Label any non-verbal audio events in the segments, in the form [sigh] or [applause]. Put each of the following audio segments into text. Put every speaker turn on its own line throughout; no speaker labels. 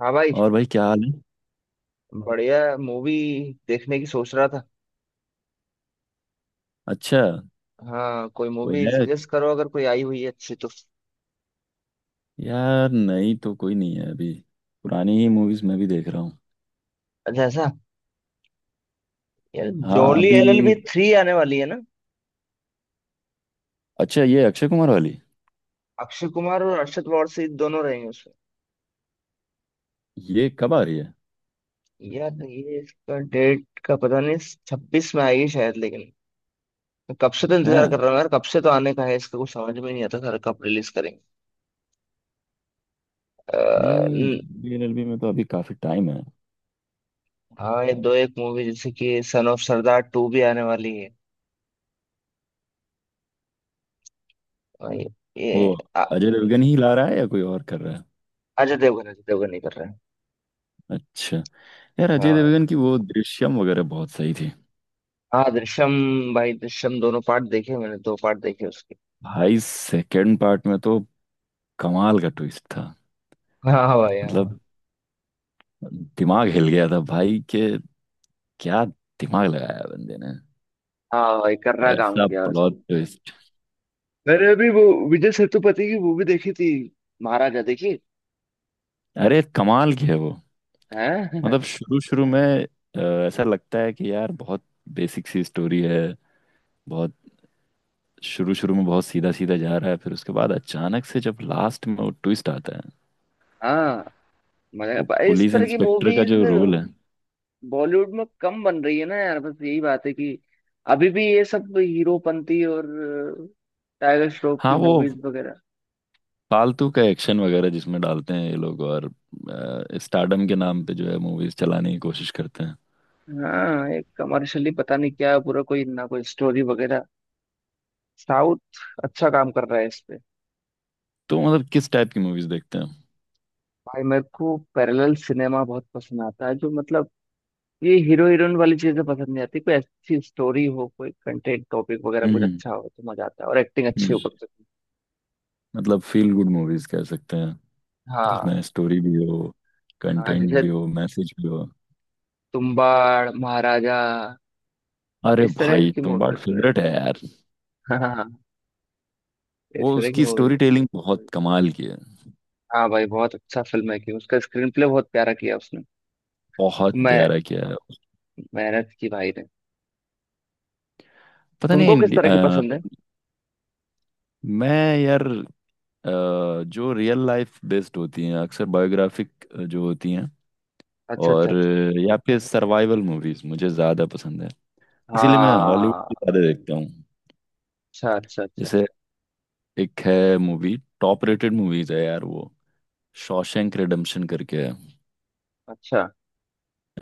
हाँ भाई।
और भाई क्या हाल है।
बढ़िया मूवी देखने की सोच रहा था।
अच्छा।
हाँ, कोई
कोई
मूवी
है?
सजेस्ट करो अगर कोई आई हुई है अच्छी तो।
यार नहीं, तो कोई नहीं है अभी। पुरानी ही मूवीज मैं भी देख रहा हूँ।
अच्छा ऐसा। यार,
हाँ
जोली
अभी।
एलएलबी 3 आने वाली है ना।
अच्छा, ये अक्षय कुमार वाली?
अक्षय कुमार और अरशद वारसी दोनों रहेंगे उसमें।
ये कब आ रही है?
यार ये इसका डेट का पता नहीं। 26 में आएगी शायद, लेकिन मैं कब से तो इंतजार कर
हाँ,
रहा हूँ यार। कब से तो आने का है इसका कुछ समझ में नहीं आता। सर कब रिलीज करेंगे। अ,
नहीं
न-
जुबली एलएलबी में तो अभी काफी टाइम है।
हाँ, ये दो एक मूवी जैसे कि सन ऑफ सरदार 2 भी आने वाली है। और ये
वो
अ-
अजय देवगन ही ला रहा है या कोई और कर रहा है?
अजय देवगन नहीं कर रहे हैं।
अच्छा। यार, अजय
हाँ।
देवगन की वो दृश्यम वगैरह बहुत सही थी।
हाँ दृश्यम। भाई दृश्यम दोनों पार्ट देखे मैंने, दो पार्ट देखे उसके।
भाई सेकंड पार्ट में तो कमाल का ट्विस्ट था।
हाँ भाई हाँ।
मतलब दिमाग हिल गया था भाई के। क्या दिमाग लगाया बंदे ने!
हाँ भाई, कर्रा काम
ऐसा
किया उसने।
Plot twist.
मैंने अभी वो विजय सेतुपति की मूवी देखी थी। महाराजा देखी।
अरे कमाल की है वो।
हैं।
मतलब
[laughs]
शुरू शुरू में अ, ऐसा लगता है कि यार बहुत बेसिक सी स्टोरी है, बहुत। शुरू शुरू में बहुत सीधा सीधा जा रहा है, फिर उसके बाद अचानक से जब लास्ट में वो ट्विस्ट आता है।
हाँ, मगर
वो
भाई इस
पुलिस
तरह की
इंस्पेक्टर का
मूवीज
जो रोल है।
बॉलीवुड में कम बन रही है ना यार। बस यही बात है कि अभी भी ये सब हीरोपंती और टाइगर श्रॉफ
हाँ
की
वो
मूवीज वगैरह।
फालतू का एक्शन वगैरह जिसमें डालते हैं ये लोग, और स्टारडम के नाम पे जो है मूवीज चलाने की कोशिश करते हैं।
हाँ, एक कमर्शियली पता नहीं क्या है पूरा, कोई ना कोई स्टोरी वगैरह। साउथ अच्छा काम कर रहा है इस पे।
तो मतलब किस टाइप की मूवीज देखते हैं?
भाई मेरे को पैरेलल सिनेमा बहुत पसंद आता है, जो मतलब ये हीरो हीरोइन वाली चीजें पसंद नहीं आती। कोई अच्छी स्टोरी हो, कोई कंटेंट टॉपिक वगैरह कुछ
हम्म
अच्छा हो तो मजा आता है, और एक्टिंग अच्छी हो कम
हम्म,
से कम।
मतलब फील गुड मूवीज कह सकते हैं,
हाँ,
जिसमें स्टोरी भी हो,
हाँ,
कंटेंट भी
जैसे
हो, मैसेज भी हो।
तुम्बाड़, महाराजा।
अरे
इस तरह
भाई,
की मूवी
तुम्बाड़
पसंद है। [laughs]
फेवरेट है यार।
हाँ हाँ, हाँ, इस
वो
तरह की
उसकी
मूवी।
स्टोरी टेलिंग बहुत कमाल की है।
हाँ भाई, बहुत अच्छा फिल्म है कि उसका स्क्रीन प्ले बहुत प्यारा किया उसने।
बहुत
मैं
प्यारा किया है।
मेहनत की भाई ने।
पता नहीं
तुमको किस तरह की पसंद है।
मैं यार अ, जो रियल लाइफ बेस्ड होती हैं, अक्सर बायोग्राफिक जो होती हैं,
अच्छा अच्छा
और
अच्छा।
या फिर सर्वाइवल मूवीज मुझे ज़्यादा पसंद है।
हाँ
इसीलिए मैं हॉलीवुड भी
हाँ।
ज़्यादा देखता हूँ।
अच्छा अच्छा अच्छा।
जैसे एक है मूवी, टॉप रेटेड मूवीज है यार वो, शॉशैंक रिडेम्पशन करके है।
अच्छा।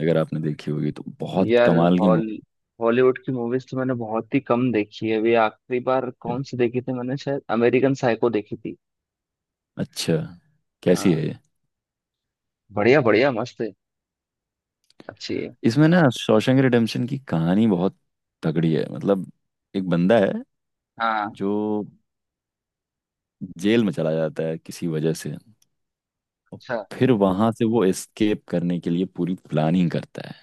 अगर आपने देखी होगी तो बहुत
यार
कमाल की
हॉल
मूवी
हॉलीवुड की मूवीज तो मैंने बहुत ही कम देखी है। अभी आखिरी बार
है।
कौन सी देखी थी मैंने, शायद अमेरिकन साइको देखी थी।
अच्छा, कैसी
हाँ,
है ये?
बढ़िया बढ़िया मस्त है। अच्छी है।
इसमें ना, शॉशैंक रिडेम्पशन की कहानी बहुत तगड़ी है। मतलब एक बंदा है
हाँ।
जो जेल में चला जाता है किसी वजह से, और
अच्छा।
फिर वहां से वो एस्केप करने के लिए पूरी प्लानिंग करता है।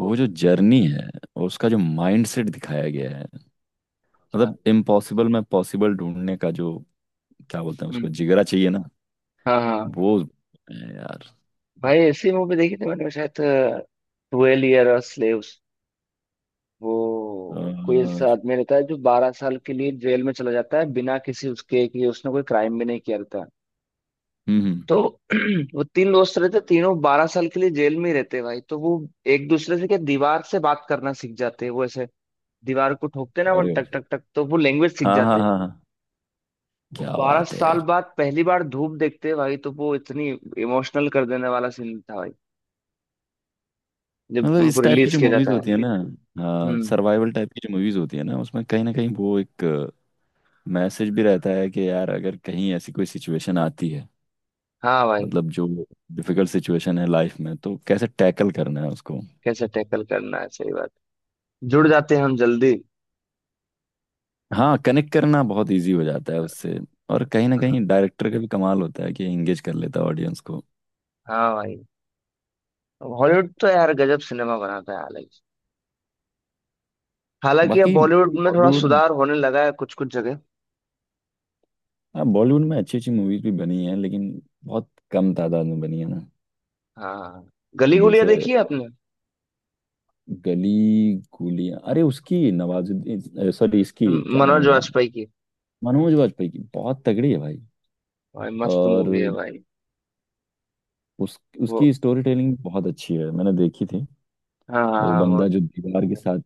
ओ।
वो जो जर्नी है, और उसका जो माइंडसेट दिखाया गया है,
अच्छा।
मतलब इम्पॉसिबल में पॉसिबल ढूंढने का जो, क्या बोलते हैं उसको,
हम्म।
जिगरा चाहिए ना,
हाँ हाँ।
वो है यार।
भाई ऐसी मूवी देखी थी मैंने, शायद ट्वेल्व ईयर और स्लेव्स।
अ,
वो कोई
हम्म
ऐसा आदमी रहता है जो 12 साल के लिए जेल में चला जाता है, बिना किसी उसके कि उसने कोई क्राइम भी नहीं किया रहता।
हम्म,
तो [clears throat] वो तीन दोस्त रहते, तीनों 12 साल के लिए जेल में ही रहते भाई, तो वो एक दूसरे से क्या दीवार से बात करना सीख जाते हैं। वो ऐसे दीवार को ठोकते ना, वो
अरे
टक टक टक, तो वो लैंग्वेज सीख
हाँ हाँ
जाते हैं।
हाँ हाँ। क्या
बारह
बात है
साल
यार!
बाद पहली बार धूप देखते हैं भाई, तो वो इतनी इमोशनल कर देने वाला सीन था भाई, जब
मतलब
उनको
इस टाइप की
रिलीज
जो
किया
मूवीज
जाता है।
होती है ना, हाँ
हम्म।
सर्वाइवल टाइप की जो मूवीज होती है ना, उसमें कहीं ना कहीं वो एक मैसेज भी रहता है कि यार अगर कहीं ऐसी कोई सिचुएशन आती है,
हाँ भाई।
मतलब जो डिफिकल्ट सिचुएशन है लाइफ में, तो कैसे टैकल करना है उसको।
कैसे टैकल करना है, सही बात। जुड़ जाते हैं हम जल्दी।
हाँ, कनेक्ट करना बहुत इजी हो जाता है उससे। और कहीं ना कहीं
हाँ।
डायरेक्टर का भी कमाल होता है कि एंगेज कर लेता है ऑडियंस को।
हाँ भाई। हॉलीवुड तो यार गजब सिनेमा बनाता है। हालांकि हालांकि अब
बाकी
बॉलीवुड में थोड़ा
बॉलीवुड,
सुधार होने लगा है कुछ कुछ जगह।
हाँ बॉलीवुड में अच्छी अच्छी मूवीज भी बनी हैं लेकिन बहुत कम तादाद में बनी है ना।
हाँ। गली गुलिया
जैसे
देखी है आपने।
गली गुलियां, अरे उसकी नवाजुद्दीन, सॉरी इसकी क्या नाम
मनोज
है,
वाजपेयी की।
मनोज वाजपेयी की, बहुत तगड़ी है भाई।
भाई मस्त मूवी है
और
भाई।
उस
वो।
उसकी स्टोरी टेलिंग बहुत अच्छी है, मैंने देखी थी।
हाँ
वो
हाँ, वो।
बंदा जो दीवार के साथ,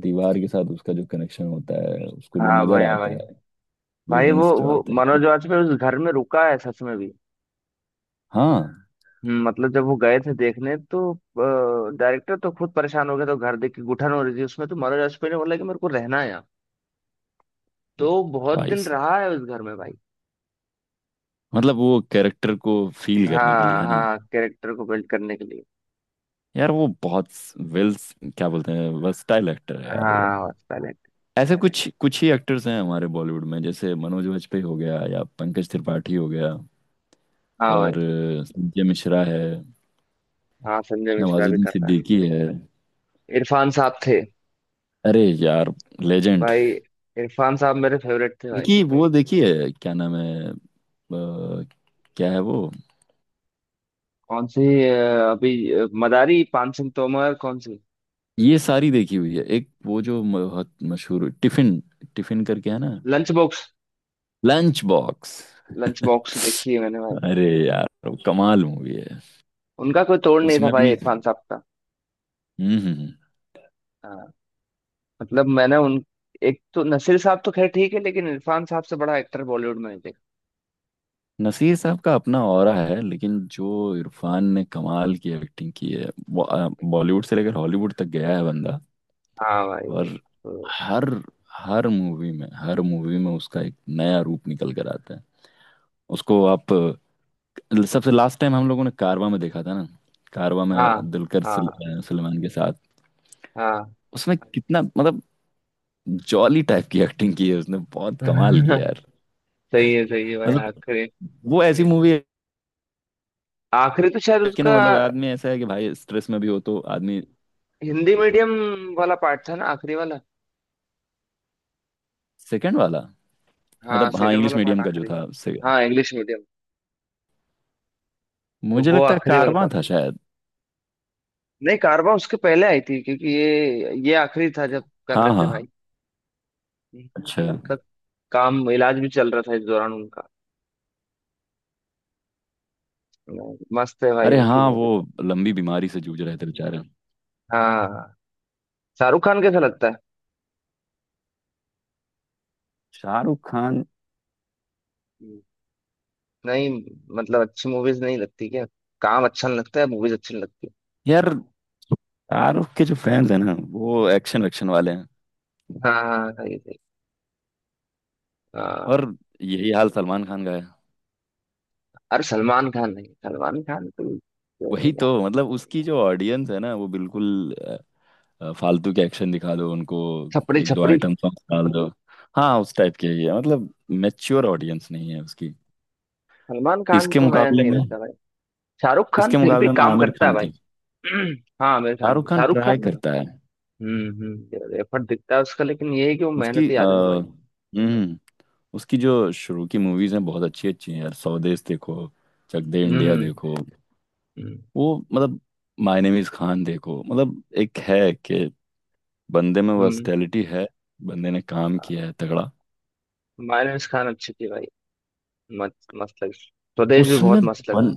दीवार के साथ उसका जो कनेक्शन होता है, उसको जो
हाँ
नजर
भाई हाँ
आता
भाई।
है,
भाई वो
विजन्स जो
वो
आते हैं
मनोज
वो-।
वाजपेयी उस घर में रुका है सच में भी।
हाँ
मतलब जब वो गए थे देखने तो डायरेक्टर तो खुद परेशान हो गया, तो घर देख के घुटन हो रही थी उसमें, तो मनोज वाजपेयी ने बोला कि मेरे को रहना है यहाँ। तो वो बहुत
भाई
दिन
साहब।
रहा है उस घर में भाई।
मतलब वो कैरेक्टर को फील करने के लिए
हाँ
है ना।
हाँ, कैरेक्टर को बिल्ड करने के लिए।
यार वो बहुत वेल, क्या बोलते हैं, वर्सटाइल एक्टर है यार वो।
हाँ टैलेंट।
ऐसे कुछ कुछ ही एक्टर्स हैं हमारे बॉलीवुड में, जैसे मनोज वाजपेयी हो गया, या पंकज त्रिपाठी हो गया,
हाँ भाई।
और संजय मिश्रा है,
हाँ संजय मिश्रा भी
नवाजुद्दीन
कर रहा
सिद्दीकी है।
है। इरफान साहब थे।
अरे यार लेजेंड!
भाई इरफान साहब मेरे फेवरेट थे भाई।
इनकी वो देखी है, क्या नाम है क्या है वो?
कौन सी। अभी मदारी, पान सिंह तोमर, कौन सी।
ये सारी देखी हुई है। एक वो जो बहुत मशहूर, टिफिन टिफिन करके है ना,
lunch box.
Lunch box.
Lunch box देखी है मैंने भाई।
अरे यार वो कमाल मूवी है।
उनका कोई तोड़ नहीं था
उसमें
भाई,
भी
इरफान साहब का।
हम्म हम्म, हम्म।
हाँ, मतलब मैंने उन, एक तो नसीर साहब तो खैर ठीक है, लेकिन इरफान साहब से बड़ा एक्टर बॉलीवुड में नहीं देखा।
नसीर साहब का अपना ऑरा है, लेकिन जो इरफान ने कमाल की एक्टिंग की है वो, बॉलीवुड से लेकर हॉलीवुड तक गया है बंदा।
हाँ भाई।
और
तो।
हर हर मूवी में उसका एक नया रूप निकल कर आता है। उसको आप सबसे लास्ट टाइम हम लोगों ने कारवा में देखा था ना। कारवा में
हाँ
दुलकर
हाँ
सलमान के साथ।
हाँ।
उसमें कितना मतलब जॉली टाइप की एक्टिंग की है उसने, बहुत कमाल की है
[laughs]
यार।
सही है भाई।
मतलब
आखिरी,
वो ऐसी मूवी है
आखिरी तो शायद
कि
उसका
ना, मतलब आदमी ऐसा है कि भाई स्ट्रेस में भी हो तो आदमी।
हिंदी मीडियम वाला पार्ट था ना आखिरी वाला।
सेकंड वाला।
हाँ,
मतलब हाँ
सेकंड
इंग्लिश
वाला पार्ट
मीडियम का जो
आखिरी है।
था, उससे
हाँ, इंग्लिश मीडियम। तो
मुझे
वो
लगता है
आखिरी वाला
कारवां
पार्ट।
था शायद।
नहीं, कारवा उसके पहले आई थी, क्योंकि ये आखिरी था जब कर
हाँ
रहे थे
हाँ।
भाई।
अच्छा।
तब तक काम, इलाज भी चल रहा था इस दौरान उनका। मस्त है भाई
अरे
उनकी
हाँ
मूवी
वो
तो।
लंबी बीमारी से जूझ रहे थे बेचारे।
हाँ। शाहरुख खान कैसा लगता है।
शाहरुख खान।
नहीं, मतलब अच्छी मूवीज नहीं लगती क्या। काम अच्छा नहीं लगता है, मूवीज अच्छी नहीं लगती।
यार, शाहरुख के जो फैंस हैं ना, वो एक्शन वैक्शन वाले हैं।
हाँ हाँ, सही सही। हाँ।
और यही हाल सलमान खान का है।
अरे सलमान खान नहीं, सलमान खान तो है
वही तो,
क्या।
मतलब उसकी जो ऑडियंस है ना वो बिल्कुल फालतू के एक्शन दिखा दो उनको,
छपरी
एक दो
छपरी।
आइटम सॉन्ग डाल दो। हाँ उस टाइप के ही है, मतलब मैच्योर ऑडियंस नहीं है उसकी।
सलमान खान
इसके
तो मैं
मुकाबले
नहीं
में,
लगता भाई। शाहरुख खान
इसके
फिर भी
मुकाबले में
काम
आमिर
करता है
खान
भाई।
ठीक।
[clears throat] हाँ, आमिर खान भी।
शाहरुख खान
शाहरुख
ट्राई
खान।
करता है।
हम्म, एफर्ट दिखता है उसका, लेकिन ये है कि वो
उसकी
मेहनती आदमी है भाई।
उसकी जो शुरू की मूवीज हैं बहुत अच्छी अच्छी हैं यार। स्वदेश देखो, चक दे इंडिया
हम्म
देखो,
हम्म
वो मतलब माय नेम इज खान देखो। मतलब एक है कि बंदे में
हम्म।
वर्सटैलिटी है, बंदे ने काम किया है तगड़ा।
माइनस खान अच्छी थी भाई। मस्त मस्त लगी, स्वदेश भी
उसमें
बहुत मस्त लगी थी।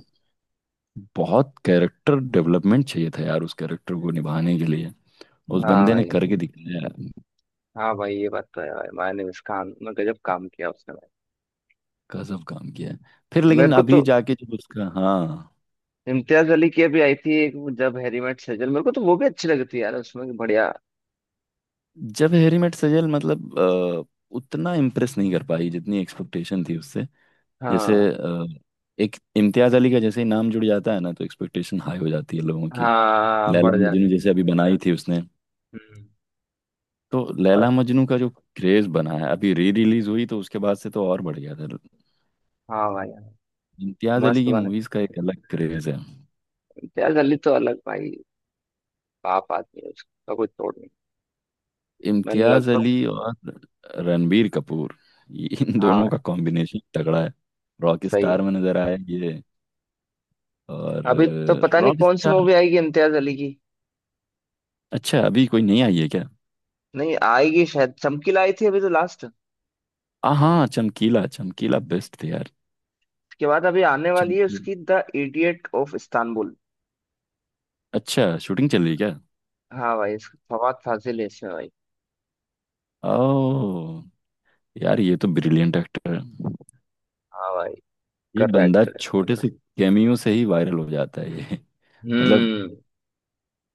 बहुत कैरेक्टर डेवलपमेंट चाहिए था यार उस कैरेक्टर को निभाने के लिए, उस
हाँ
बंदे ने
भाई
करके दिखाया है,
हाँ भाई, ये बात तो है भाई, माइनस खान ने गजब काम किया उसने भाई।
गजब काम किया है। फिर लेकिन
मेरे को तो
अभी जाके जो उसका, हाँ
इम्तियाज अली की अभी आई थी एक वो, जब हैरी मेट सेजल, मेरे को तो वो भी अच्छी लगी थी यार, उसमें कि बढ़िया।
जब हैरी मेट सजल, मतलब उतना इम्प्रेस नहीं कर पाई जितनी एक्सपेक्टेशन थी उससे। जैसे
हाँ।
एक इम्तियाज अली का जैसे ही नाम जुड़ जाता है ना, तो एक्सपेक्टेशन हाई हो जाती है लोगों की।
हाँ
लैला
बढ़
मजनू
जाती।
जैसे अभी बनाई थी उसने,
हम्म।
तो
पर-
लैला मजनू का जो क्रेज बना है, अभी री रिलीज हुई तो उसके बाद से तो और बढ़ गया था।
हाँ भाई।
इम्तियाज अली
मस्त
की
बने।
मूवीज का एक अलग क्रेज है।
इम्तियाज अली तो अलग भाई। बाप आदमी है, उसका कोई तोड़ नहीं। मैंने
इम्तियाज
लगभग।
अली और रणबीर कपूर, इन
हाँ
दोनों का कॉम्बिनेशन तगड़ा है। रॉक
सही
स्टार
है।
में नजर आया ये। और
अभी तो पता नहीं
रॉक
कौन सी
स्टार।
मूवी आएगी इम्तियाज अली की।
अच्छा अभी कोई नहीं आई है क्या?
नहीं आएगी शायद, चमकीला आई थी अभी तो लास्ट।
आ हाँ चमकीला, चमकीला बेस्ट थे यार।
उसके बाद अभी आने वाली है
चमकीला,
उसकी द इडियट ऑफ इस्तांबुल।
अच्छा शूटिंग चल रही है क्या?
हाँ भाई, इसका फवाद फाजिल है इसमें भाई।
ओ, यार ये तो ब्रिलियंट एक्टर है।
हाँ भाई।
ये
कर्रा
बंदा
एक्टर है।
छोटे से कैमियो से ही वायरल हो जाता है ये। [laughs] मतलब
हम्म।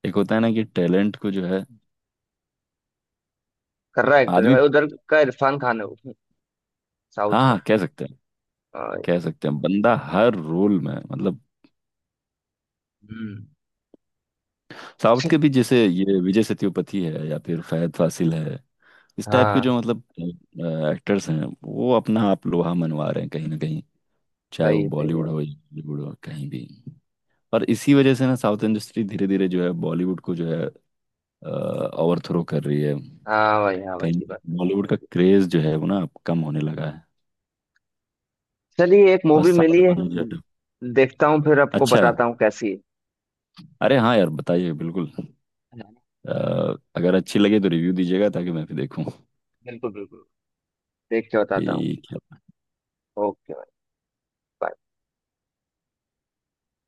एक होता है ना कि टैलेंट को जो है,
कर्रा एक्टर है
आदमी,
भाई, उधर का इरफान खान है वो।
हाँ
साउथ का।
हाँ कह सकते हैं,
हाँ भाई।
कह सकते हैं बंदा हर रोल में मतलब।
हम्म।
साउथ के भी
[laughs]
जैसे ये विजय सेतुपति है या फिर फहद फासिल है, इस टाइप के
हाँ।
जो मतलब एक्टर्स हैं, वो अपना आप लोहा मनवा रहे हैं कहीं ना कहीं, चाहे वो
सही सही
बॉलीवुड
है।
हो या बॉलीवुड हो, कहीं भी। और इसी वजह से ना साउथ इंडस्ट्री धीरे धीरे जो है बॉलीवुड को जो है ओवरथ्रो कर रही है।
हाँ भाई हाँ भाई,
कहीं
ये बात तो है।
बॉलीवुड का क्रेज जो है वो ना अब कम होने लगा है।
चलिए, एक
और
मूवी
साउथ
मिली है।
वाले जो है।
देखता हूँ, फिर आपको
अच्छा,
बताता हूँ कैसी है।
अरे हाँ यार, बताइए बिल्कुल।
है ना?
अगर अच्छी लगे तो रिव्यू दीजिएगा ताकि मैं भी देखूँ
बिल्कुल बिल्कुल। देख के बताता हूँ।
कि।
ओके। Bye।